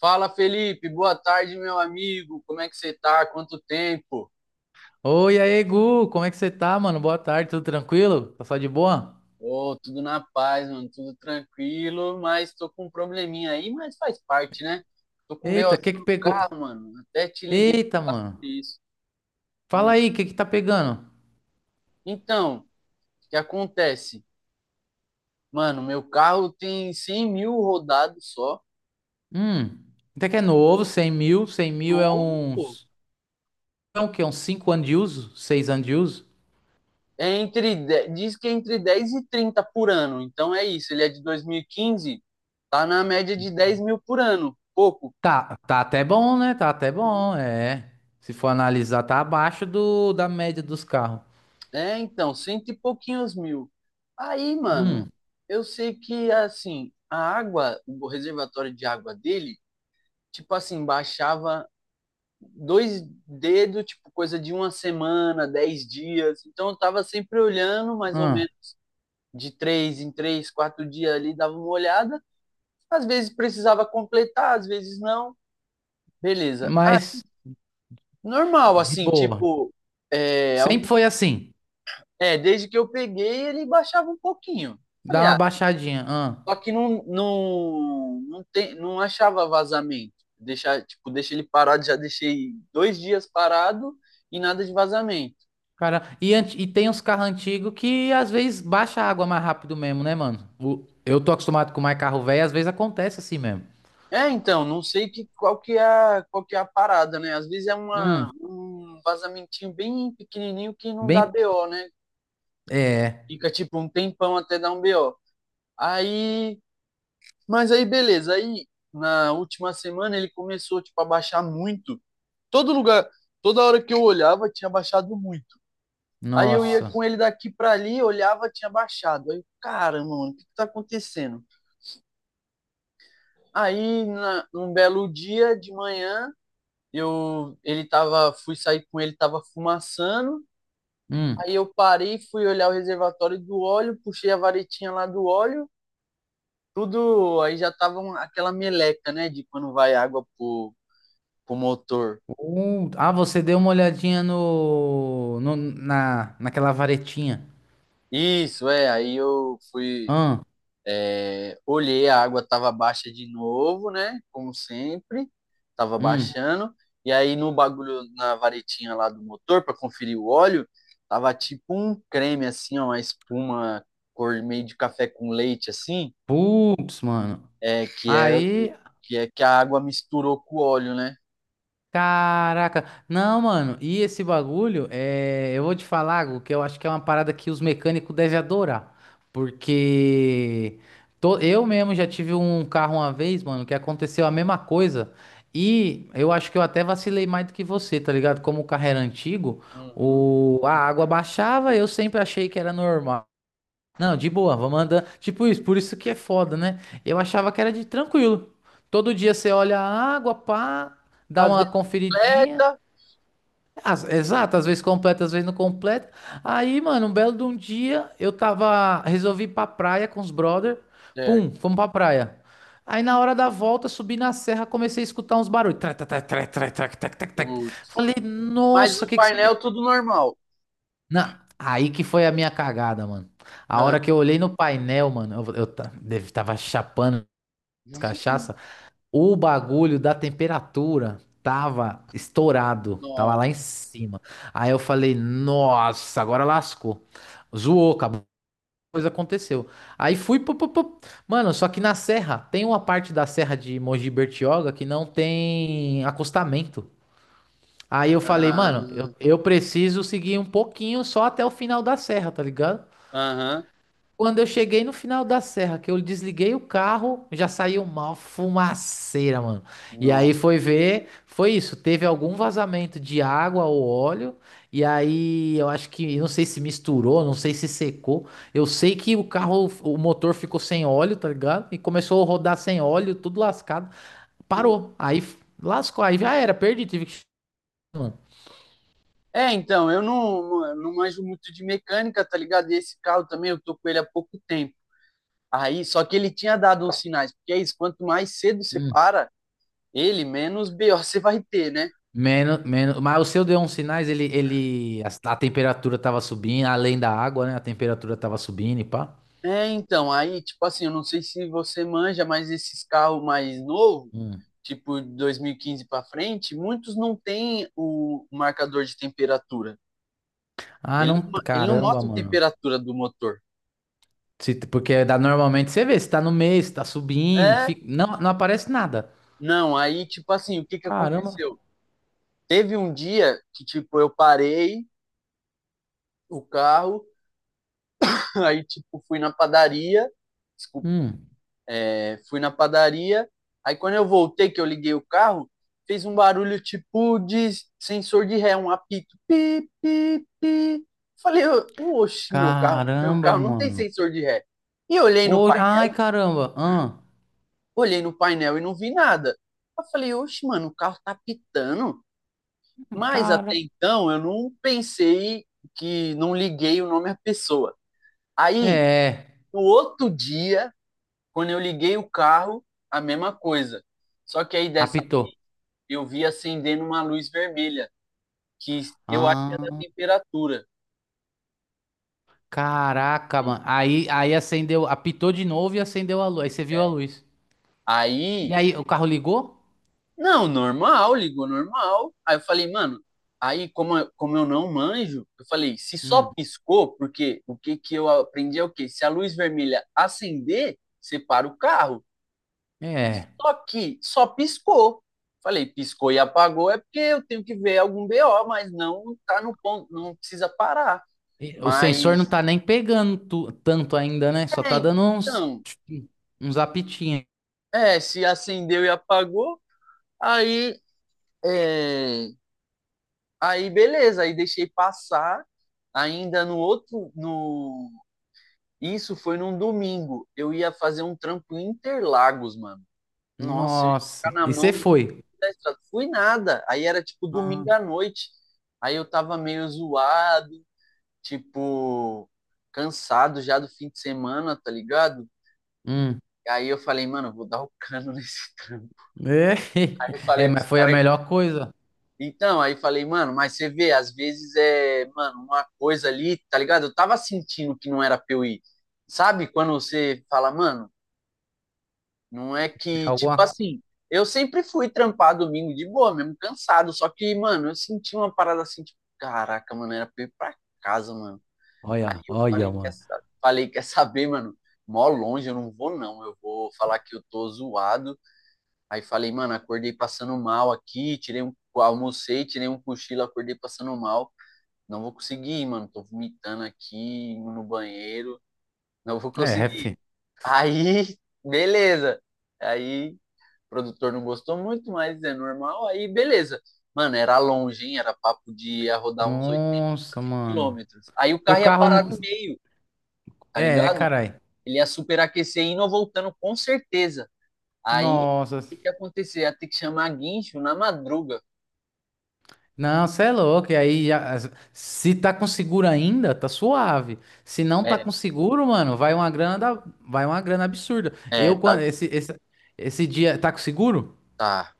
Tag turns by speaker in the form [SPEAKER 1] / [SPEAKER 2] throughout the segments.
[SPEAKER 1] Fala, Felipe. Boa tarde, meu amigo. Como é que você tá? Quanto tempo?
[SPEAKER 2] Oi, aí, Gu, como é que você tá, mano? Boa tarde, tudo tranquilo? Tá só de boa?
[SPEAKER 1] Ô, tudo na paz, mano. Tudo tranquilo, mas tô com um probleminha aí, mas faz parte, né? Tô com um
[SPEAKER 2] Eita, o que
[SPEAKER 1] BOzinho
[SPEAKER 2] que
[SPEAKER 1] no
[SPEAKER 2] pegou?
[SPEAKER 1] carro, mano. Até te liguei
[SPEAKER 2] Eita,
[SPEAKER 1] pra falar sobre
[SPEAKER 2] mano.
[SPEAKER 1] isso. Hum.
[SPEAKER 2] Fala aí, o que que tá pegando?
[SPEAKER 1] Então, o que acontece? Mano, meu carro tem 100 mil rodados só.
[SPEAKER 2] Hum, Até que é novo. 100 mil, 100 mil é
[SPEAKER 1] Novo, pô.
[SPEAKER 2] uns... É o quê? Uns 5 anos de uso? 6 anos de uso?
[SPEAKER 1] Diz que é entre 10 e 30 por ano. Então é isso. Ele é de 2015. Tá na média de 10 mil por ano. Pouco.
[SPEAKER 2] Tá, tá até bom, né? Tá até bom, é. Se for analisar, tá abaixo da média dos carros.
[SPEAKER 1] É, então, cento e pouquinhos mil. Aí, mano,
[SPEAKER 2] Hum,
[SPEAKER 1] eu sei que, assim, a água, o reservatório de água dele, tipo assim, baixava 2 dedos, tipo, coisa de uma semana, 10 dias. Então, eu tava sempre olhando, mais ou
[SPEAKER 2] hum.
[SPEAKER 1] menos, de três em três, 4 dias ali, dava uma olhada. Às vezes precisava completar, às vezes não. Beleza. Aí,
[SPEAKER 2] Mas,
[SPEAKER 1] normal,
[SPEAKER 2] de
[SPEAKER 1] assim,
[SPEAKER 2] boa.
[SPEAKER 1] tipo, é,
[SPEAKER 2] Sempre
[SPEAKER 1] algo-
[SPEAKER 2] foi assim.
[SPEAKER 1] desde que eu peguei, ele baixava um pouquinho. Falei,
[SPEAKER 2] Dá uma
[SPEAKER 1] ah,
[SPEAKER 2] baixadinha. Hum.
[SPEAKER 1] só que não achava vazamento. Deixei ele parado, já deixei 2 dias parado e nada de vazamento.
[SPEAKER 2] Cara, e tem uns carros antigos que às vezes baixa a água mais rápido mesmo, né, mano? Eu tô acostumado com mais carro velho, às vezes acontece assim mesmo.
[SPEAKER 1] É, então, não sei que, qual, que é, a- qual que é a parada, né? Às vezes é uma,
[SPEAKER 2] Hum,
[SPEAKER 1] um vazamentinho bem pequenininho que não dá
[SPEAKER 2] bem.
[SPEAKER 1] BO, né?
[SPEAKER 2] É.
[SPEAKER 1] Fica tipo um tempão até dar um BO. Aí, mas aí beleza. Aí na última semana ele começou tipo a baixar muito. Todo lugar, toda hora que eu olhava tinha baixado muito. Aí eu ia com
[SPEAKER 2] Nossa.
[SPEAKER 1] ele daqui para ali, olhava, tinha baixado. Aí, caramba, mano, o que que tá acontecendo? Aí, num belo dia de manhã, fui sair com ele, tava fumaçando.
[SPEAKER 2] Hum.
[SPEAKER 1] Aí eu parei, fui olhar o reservatório do óleo, puxei a varetinha lá do óleo, tudo, aí já tava aquela meleca, né, de quando vai água pro motor.
[SPEAKER 2] Ah, você deu uma olhadinha naquela varetinha.
[SPEAKER 1] Isso, é, aí eu fui
[SPEAKER 2] Hum,
[SPEAKER 1] olhei, a água estava baixa de novo, né? Como sempre, estava
[SPEAKER 2] hum.
[SPEAKER 1] baixando. E aí no bagulho, na varetinha lá do motor, para conferir o óleo, tava tipo um creme, assim, ó, uma espuma cor meio de café com leite, assim,
[SPEAKER 2] Putz, mano.
[SPEAKER 1] é, que, é, o-
[SPEAKER 2] Aí.
[SPEAKER 1] que é que a água misturou com o óleo, né?
[SPEAKER 2] Caraca, não, mano, e esse bagulho, é, eu vou te falar algo que eu acho que é uma parada que os mecânicos devem adorar, porque eu mesmo já tive um carro uma vez, mano, que aconteceu a mesma coisa, e eu acho que eu até vacilei mais do que você, tá ligado? Como o carro era antigo,
[SPEAKER 1] Uhum.
[SPEAKER 2] a água baixava, eu sempre achei que era normal. Não, de boa, vamos andando. Tipo isso, por isso que é foda, né? Eu achava que era de tranquilo. Todo dia você olha a água, pá, dá
[SPEAKER 1] Às
[SPEAKER 2] uma
[SPEAKER 1] vezes
[SPEAKER 2] conferidinha.
[SPEAKER 1] completa,
[SPEAKER 2] Exato, às vezes completa, às vezes não completa. Aí, mano, um belo de um dia, resolvi ir pra praia com os brother. Pum,
[SPEAKER 1] certo.
[SPEAKER 2] fomos pra praia. Aí na hora da volta, subi na serra, comecei a escutar uns barulhos. Trac, trac, trac, trac, trac, trac, trac, trac.
[SPEAKER 1] Putz.
[SPEAKER 2] Falei,
[SPEAKER 1] Mas
[SPEAKER 2] nossa, o
[SPEAKER 1] no
[SPEAKER 2] que que será?
[SPEAKER 1] painel tudo normal.
[SPEAKER 2] Não, aí que foi a minha cagada, mano. A hora que eu olhei no painel, mano, tava chapando as
[SPEAKER 1] Aham.
[SPEAKER 2] cachaça, o bagulho da temperatura tava estourado, tava
[SPEAKER 1] Não.
[SPEAKER 2] lá em cima. Aí eu falei, nossa, agora lascou. Zoou, acabou. Coisa aconteceu. Aí fui, pu, pu, pu. Mano, só que na serra, tem uma parte da serra de Mogi Bertioga que não tem acostamento. Aí eu falei,
[SPEAKER 1] Ah,
[SPEAKER 2] mano, eu preciso seguir um pouquinho só até o final da serra, tá ligado?
[SPEAKER 1] aham.
[SPEAKER 2] Quando eu cheguei no final da serra, que eu desliguei o carro, já saiu uma fumaceira, mano. E aí
[SPEAKER 1] Não.
[SPEAKER 2] foi ver, foi isso. Teve algum vazamento de água ou óleo. E aí eu acho que, não sei se misturou, não sei se secou. Eu sei que o carro, o motor ficou sem óleo, tá ligado? E começou a rodar sem óleo, tudo lascado. Parou. Aí lascou, aí já era, perdi, tive que.
[SPEAKER 1] É, então, eu não manjo muito de mecânica, tá ligado? E esse carro também, eu tô com ele há pouco tempo. Aí, só que ele tinha dado uns sinais, porque é isso, quanto mais cedo você
[SPEAKER 2] Mano.
[SPEAKER 1] para ele, menos BO você vai ter, né?
[SPEAKER 2] Menos, menos, mas o seu deu uns sinais, a temperatura tava subindo, além da água, né? A temperatura tava subindo e pá.
[SPEAKER 1] É, então, aí, tipo assim, eu não sei se você manja, mas esses carros mais novos,
[SPEAKER 2] Hum.
[SPEAKER 1] tipo de 2015 para frente, muitos não têm o marcador de temperatura.
[SPEAKER 2] Ah,
[SPEAKER 1] Ele, não
[SPEAKER 2] não,
[SPEAKER 1] ma- ele não
[SPEAKER 2] caramba,
[SPEAKER 1] mostra a
[SPEAKER 2] mano.
[SPEAKER 1] temperatura do motor.
[SPEAKER 2] Porque dá, normalmente você vê, se tá no meio, se tá subindo,
[SPEAKER 1] É,
[SPEAKER 2] fica, não, não aparece nada.
[SPEAKER 1] não, aí, tipo assim, o que que
[SPEAKER 2] Caramba.
[SPEAKER 1] aconteceu? Teve um dia que, tipo, eu parei o carro, aí, tipo, fui na padaria, desculpa,
[SPEAKER 2] Hum.
[SPEAKER 1] fui na padaria, aí quando eu voltei, que eu liguei o carro, fez um barulho, tipo, de sensor de ré, um apito, pi, pi, pi. Falei, oxe, meu carro, meu
[SPEAKER 2] Caramba,
[SPEAKER 1] carro não tem
[SPEAKER 2] mano.
[SPEAKER 1] sensor de ré. E eu olhei no
[SPEAKER 2] Hoje,
[SPEAKER 1] painel,
[SPEAKER 2] ai, caramba. Ah.
[SPEAKER 1] olhei no painel e não vi nada. Eu falei, oxe, mano, o carro tá pitando. Mas até
[SPEAKER 2] Cara.
[SPEAKER 1] então eu não pensei que não liguei o nome à pessoa. Aí,
[SPEAKER 2] É,
[SPEAKER 1] no outro dia, quando eu liguei o carro, a mesma coisa. Só que aí dessa
[SPEAKER 2] apitou.
[SPEAKER 1] eu vi acendendo uma luz vermelha, que eu acho que é da
[SPEAKER 2] Ah,
[SPEAKER 1] temperatura.
[SPEAKER 2] caraca, mano. Aí acendeu, apitou de novo e acendeu a luz. Aí você viu a
[SPEAKER 1] É,
[SPEAKER 2] luz. E
[SPEAKER 1] aí,
[SPEAKER 2] aí, o carro ligou?
[SPEAKER 1] não, normal, ligou normal. Aí eu falei, mano, aí como, como eu não manjo, eu falei, se só
[SPEAKER 2] Hum,
[SPEAKER 1] piscou, porque o que que eu aprendi é o quê? Se a luz vermelha acender, você para o carro.
[SPEAKER 2] é.
[SPEAKER 1] Só que só piscou. Falei, piscou e apagou é porque eu tenho que ver algum BO, mas não tá no ponto, não precisa parar.
[SPEAKER 2] E o sensor
[SPEAKER 1] Mas,
[SPEAKER 2] não tá nem pegando tanto ainda, né? Só
[SPEAKER 1] é,
[SPEAKER 2] tá dando uns,
[SPEAKER 1] então,
[SPEAKER 2] uns apitinhos.
[SPEAKER 1] se acendeu e apagou, aí, é, aí, beleza, aí deixei passar. Ainda no outro, no Isso foi num domingo. Eu ia fazer um trampo em Interlagos, mano. Nossa, eu ia ficar
[SPEAKER 2] Nossa.
[SPEAKER 1] na
[SPEAKER 2] E você
[SPEAKER 1] mão
[SPEAKER 2] foi?
[SPEAKER 1] da estrada. Fui nada. Aí era tipo
[SPEAKER 2] Ah,
[SPEAKER 1] domingo à noite. Aí eu tava meio zoado, tipo, cansado já do fim de semana, tá ligado?
[SPEAKER 2] hum.
[SPEAKER 1] Aí eu falei, mano, eu vou dar o cano nesse trampo.
[SPEAKER 2] É,
[SPEAKER 1] Aí eu
[SPEAKER 2] é,
[SPEAKER 1] falei
[SPEAKER 2] mas
[SPEAKER 1] pros
[SPEAKER 2] foi a
[SPEAKER 1] caras.
[SPEAKER 2] melhor coisa.
[SPEAKER 1] Então, aí falei, mano, mas você vê, às vezes é, mano, uma coisa ali, tá ligado? Eu tava sentindo que não era pra eu ir. Sabe quando você fala, mano? Não é
[SPEAKER 2] Tem
[SPEAKER 1] que, tipo
[SPEAKER 2] alguma.
[SPEAKER 1] assim, eu sempre fui trampar domingo de boa, mesmo cansado. Só que, mano, eu senti uma parada assim, tipo, caraca, mano, era pra ir pra casa, mano.
[SPEAKER 2] Olha,
[SPEAKER 1] Aí eu
[SPEAKER 2] olha,
[SPEAKER 1] falei,
[SPEAKER 2] mano.
[SPEAKER 1] quer saber, mano? Mó longe, eu não vou, não. Eu vou falar que eu tô zoado. Aí falei, mano, acordei passando mal aqui, tirei um, almocei, tirei um cochilo, acordei passando mal. Não vou conseguir ir, mano. Tô vomitando aqui, no banheiro. Não vou
[SPEAKER 2] É,
[SPEAKER 1] conseguir.
[SPEAKER 2] fi.
[SPEAKER 1] Aí, beleza. Aí o produtor não gostou muito, mas é normal. Aí, beleza. Mano, era longe, hein? Era papo de ia rodar uns oito
[SPEAKER 2] Nossa, mano.
[SPEAKER 1] quilômetros. Aí o
[SPEAKER 2] O
[SPEAKER 1] carro ia
[SPEAKER 2] carro.
[SPEAKER 1] parar no meio, tá
[SPEAKER 2] É,
[SPEAKER 1] ligado?
[SPEAKER 2] carai.
[SPEAKER 1] Ele ia superaquecer indo ou voltando, com certeza. Aí,
[SPEAKER 2] Nossa.
[SPEAKER 1] o que ia acontecer? Ia ter que chamar guincho na madruga.
[SPEAKER 2] Não, você é louco. E aí, se tá com seguro ainda, tá suave. Se não tá
[SPEAKER 1] É,
[SPEAKER 2] com seguro, mano, vai uma grana absurda.
[SPEAKER 1] é,
[SPEAKER 2] Eu, quando
[SPEAKER 1] tá,
[SPEAKER 2] esse dia, tá com seguro?
[SPEAKER 1] tá.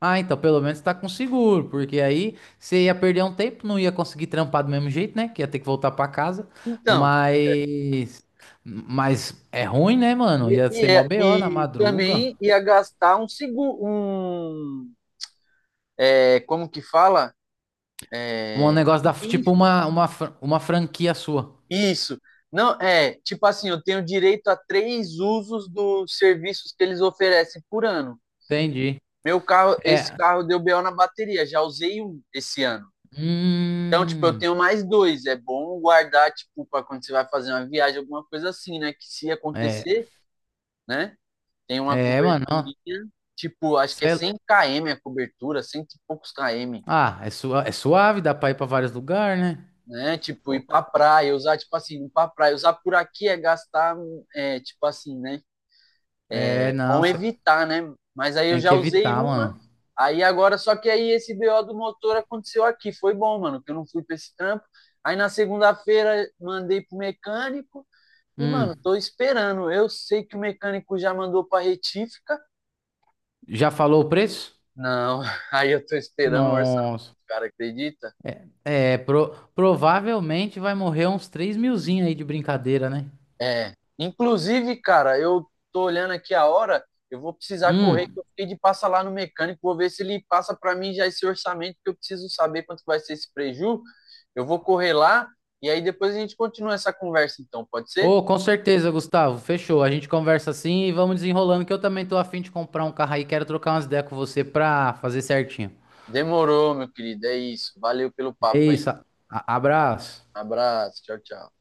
[SPEAKER 2] Ah, então pelo menos tá com seguro, porque aí você ia perder um tempo, não ia conseguir trampar do mesmo jeito, né? Que ia ter que voltar pra casa.
[SPEAKER 1] Então,
[SPEAKER 2] Mas, mas é ruim, né, mano?
[SPEAKER 1] e,
[SPEAKER 2] Ia ser mó
[SPEAKER 1] e,
[SPEAKER 2] BO na
[SPEAKER 1] e
[SPEAKER 2] madruga.
[SPEAKER 1] também ia gastar um segundo, um, é, como que fala?
[SPEAKER 2] Um negócio
[SPEAKER 1] Um
[SPEAKER 2] da, tipo
[SPEAKER 1] guincho.
[SPEAKER 2] uma franquia sua.
[SPEAKER 1] Isso. Não, é, tipo assim, eu tenho direito a 3 usos dos serviços que eles oferecem por ano.
[SPEAKER 2] Entendi.
[SPEAKER 1] Meu carro, esse
[SPEAKER 2] É,
[SPEAKER 1] carro deu BO na bateria, já usei um esse ano. Então, tipo, eu
[SPEAKER 2] Hum,
[SPEAKER 1] tenho mais dois. É bom guardar, tipo, para quando você vai fazer uma viagem, alguma coisa assim, né? Que se
[SPEAKER 2] é,
[SPEAKER 1] acontecer, né? Tem uma
[SPEAKER 2] Mano, ó,
[SPEAKER 1] coberturinha, tipo, acho que é
[SPEAKER 2] cê-
[SPEAKER 1] 100 km a cobertura, 100 e poucos km,
[SPEAKER 2] sua, é suave, dá pra ir pra vários lugares, né?
[SPEAKER 1] né? Tipo, ir
[SPEAKER 2] Pô,
[SPEAKER 1] pra praia, usar, tipo assim, ir pra praia, usar por aqui é gastar, é, tipo assim, né?
[SPEAKER 2] é, não,
[SPEAKER 1] Bom
[SPEAKER 2] cê
[SPEAKER 1] evitar, né? Mas aí eu
[SPEAKER 2] tem
[SPEAKER 1] já
[SPEAKER 2] que
[SPEAKER 1] usei
[SPEAKER 2] evitar,
[SPEAKER 1] uma,
[SPEAKER 2] mano.
[SPEAKER 1] aí agora, só que aí esse BO do motor aconteceu aqui. Foi bom, mano, que eu não fui pra esse trampo. Aí na segunda-feira mandei pro mecânico e, mano,
[SPEAKER 2] Hum,
[SPEAKER 1] tô esperando. Eu sei que o mecânico já mandou pra retífica.
[SPEAKER 2] Já falou o preço?
[SPEAKER 1] Não, aí eu tô esperando o orçamento,
[SPEAKER 2] Nossa,
[SPEAKER 1] cara, acredita?
[SPEAKER 2] provavelmente vai morrer uns 3 milzinho aí de brincadeira, né?
[SPEAKER 1] É. Inclusive, cara, eu tô olhando aqui a hora, eu vou precisar correr, que
[SPEAKER 2] Hum,
[SPEAKER 1] eu fiquei de passar lá no mecânico, vou ver se ele passa para mim já esse orçamento, que eu preciso saber quanto vai ser esse preju. Eu vou correr lá e aí depois a gente continua essa conversa, então, pode ser?
[SPEAKER 2] Ô, com certeza, Gustavo, fechou, a gente conversa assim e vamos desenrolando, que eu também tô afim de comprar um carro aí, quero trocar umas ideias com você pra fazer certinho.
[SPEAKER 1] Demorou, meu querido, é isso. Valeu pelo
[SPEAKER 2] É
[SPEAKER 1] papo aí.
[SPEAKER 2] isso, abraço.
[SPEAKER 1] Abraço, tchau, tchau.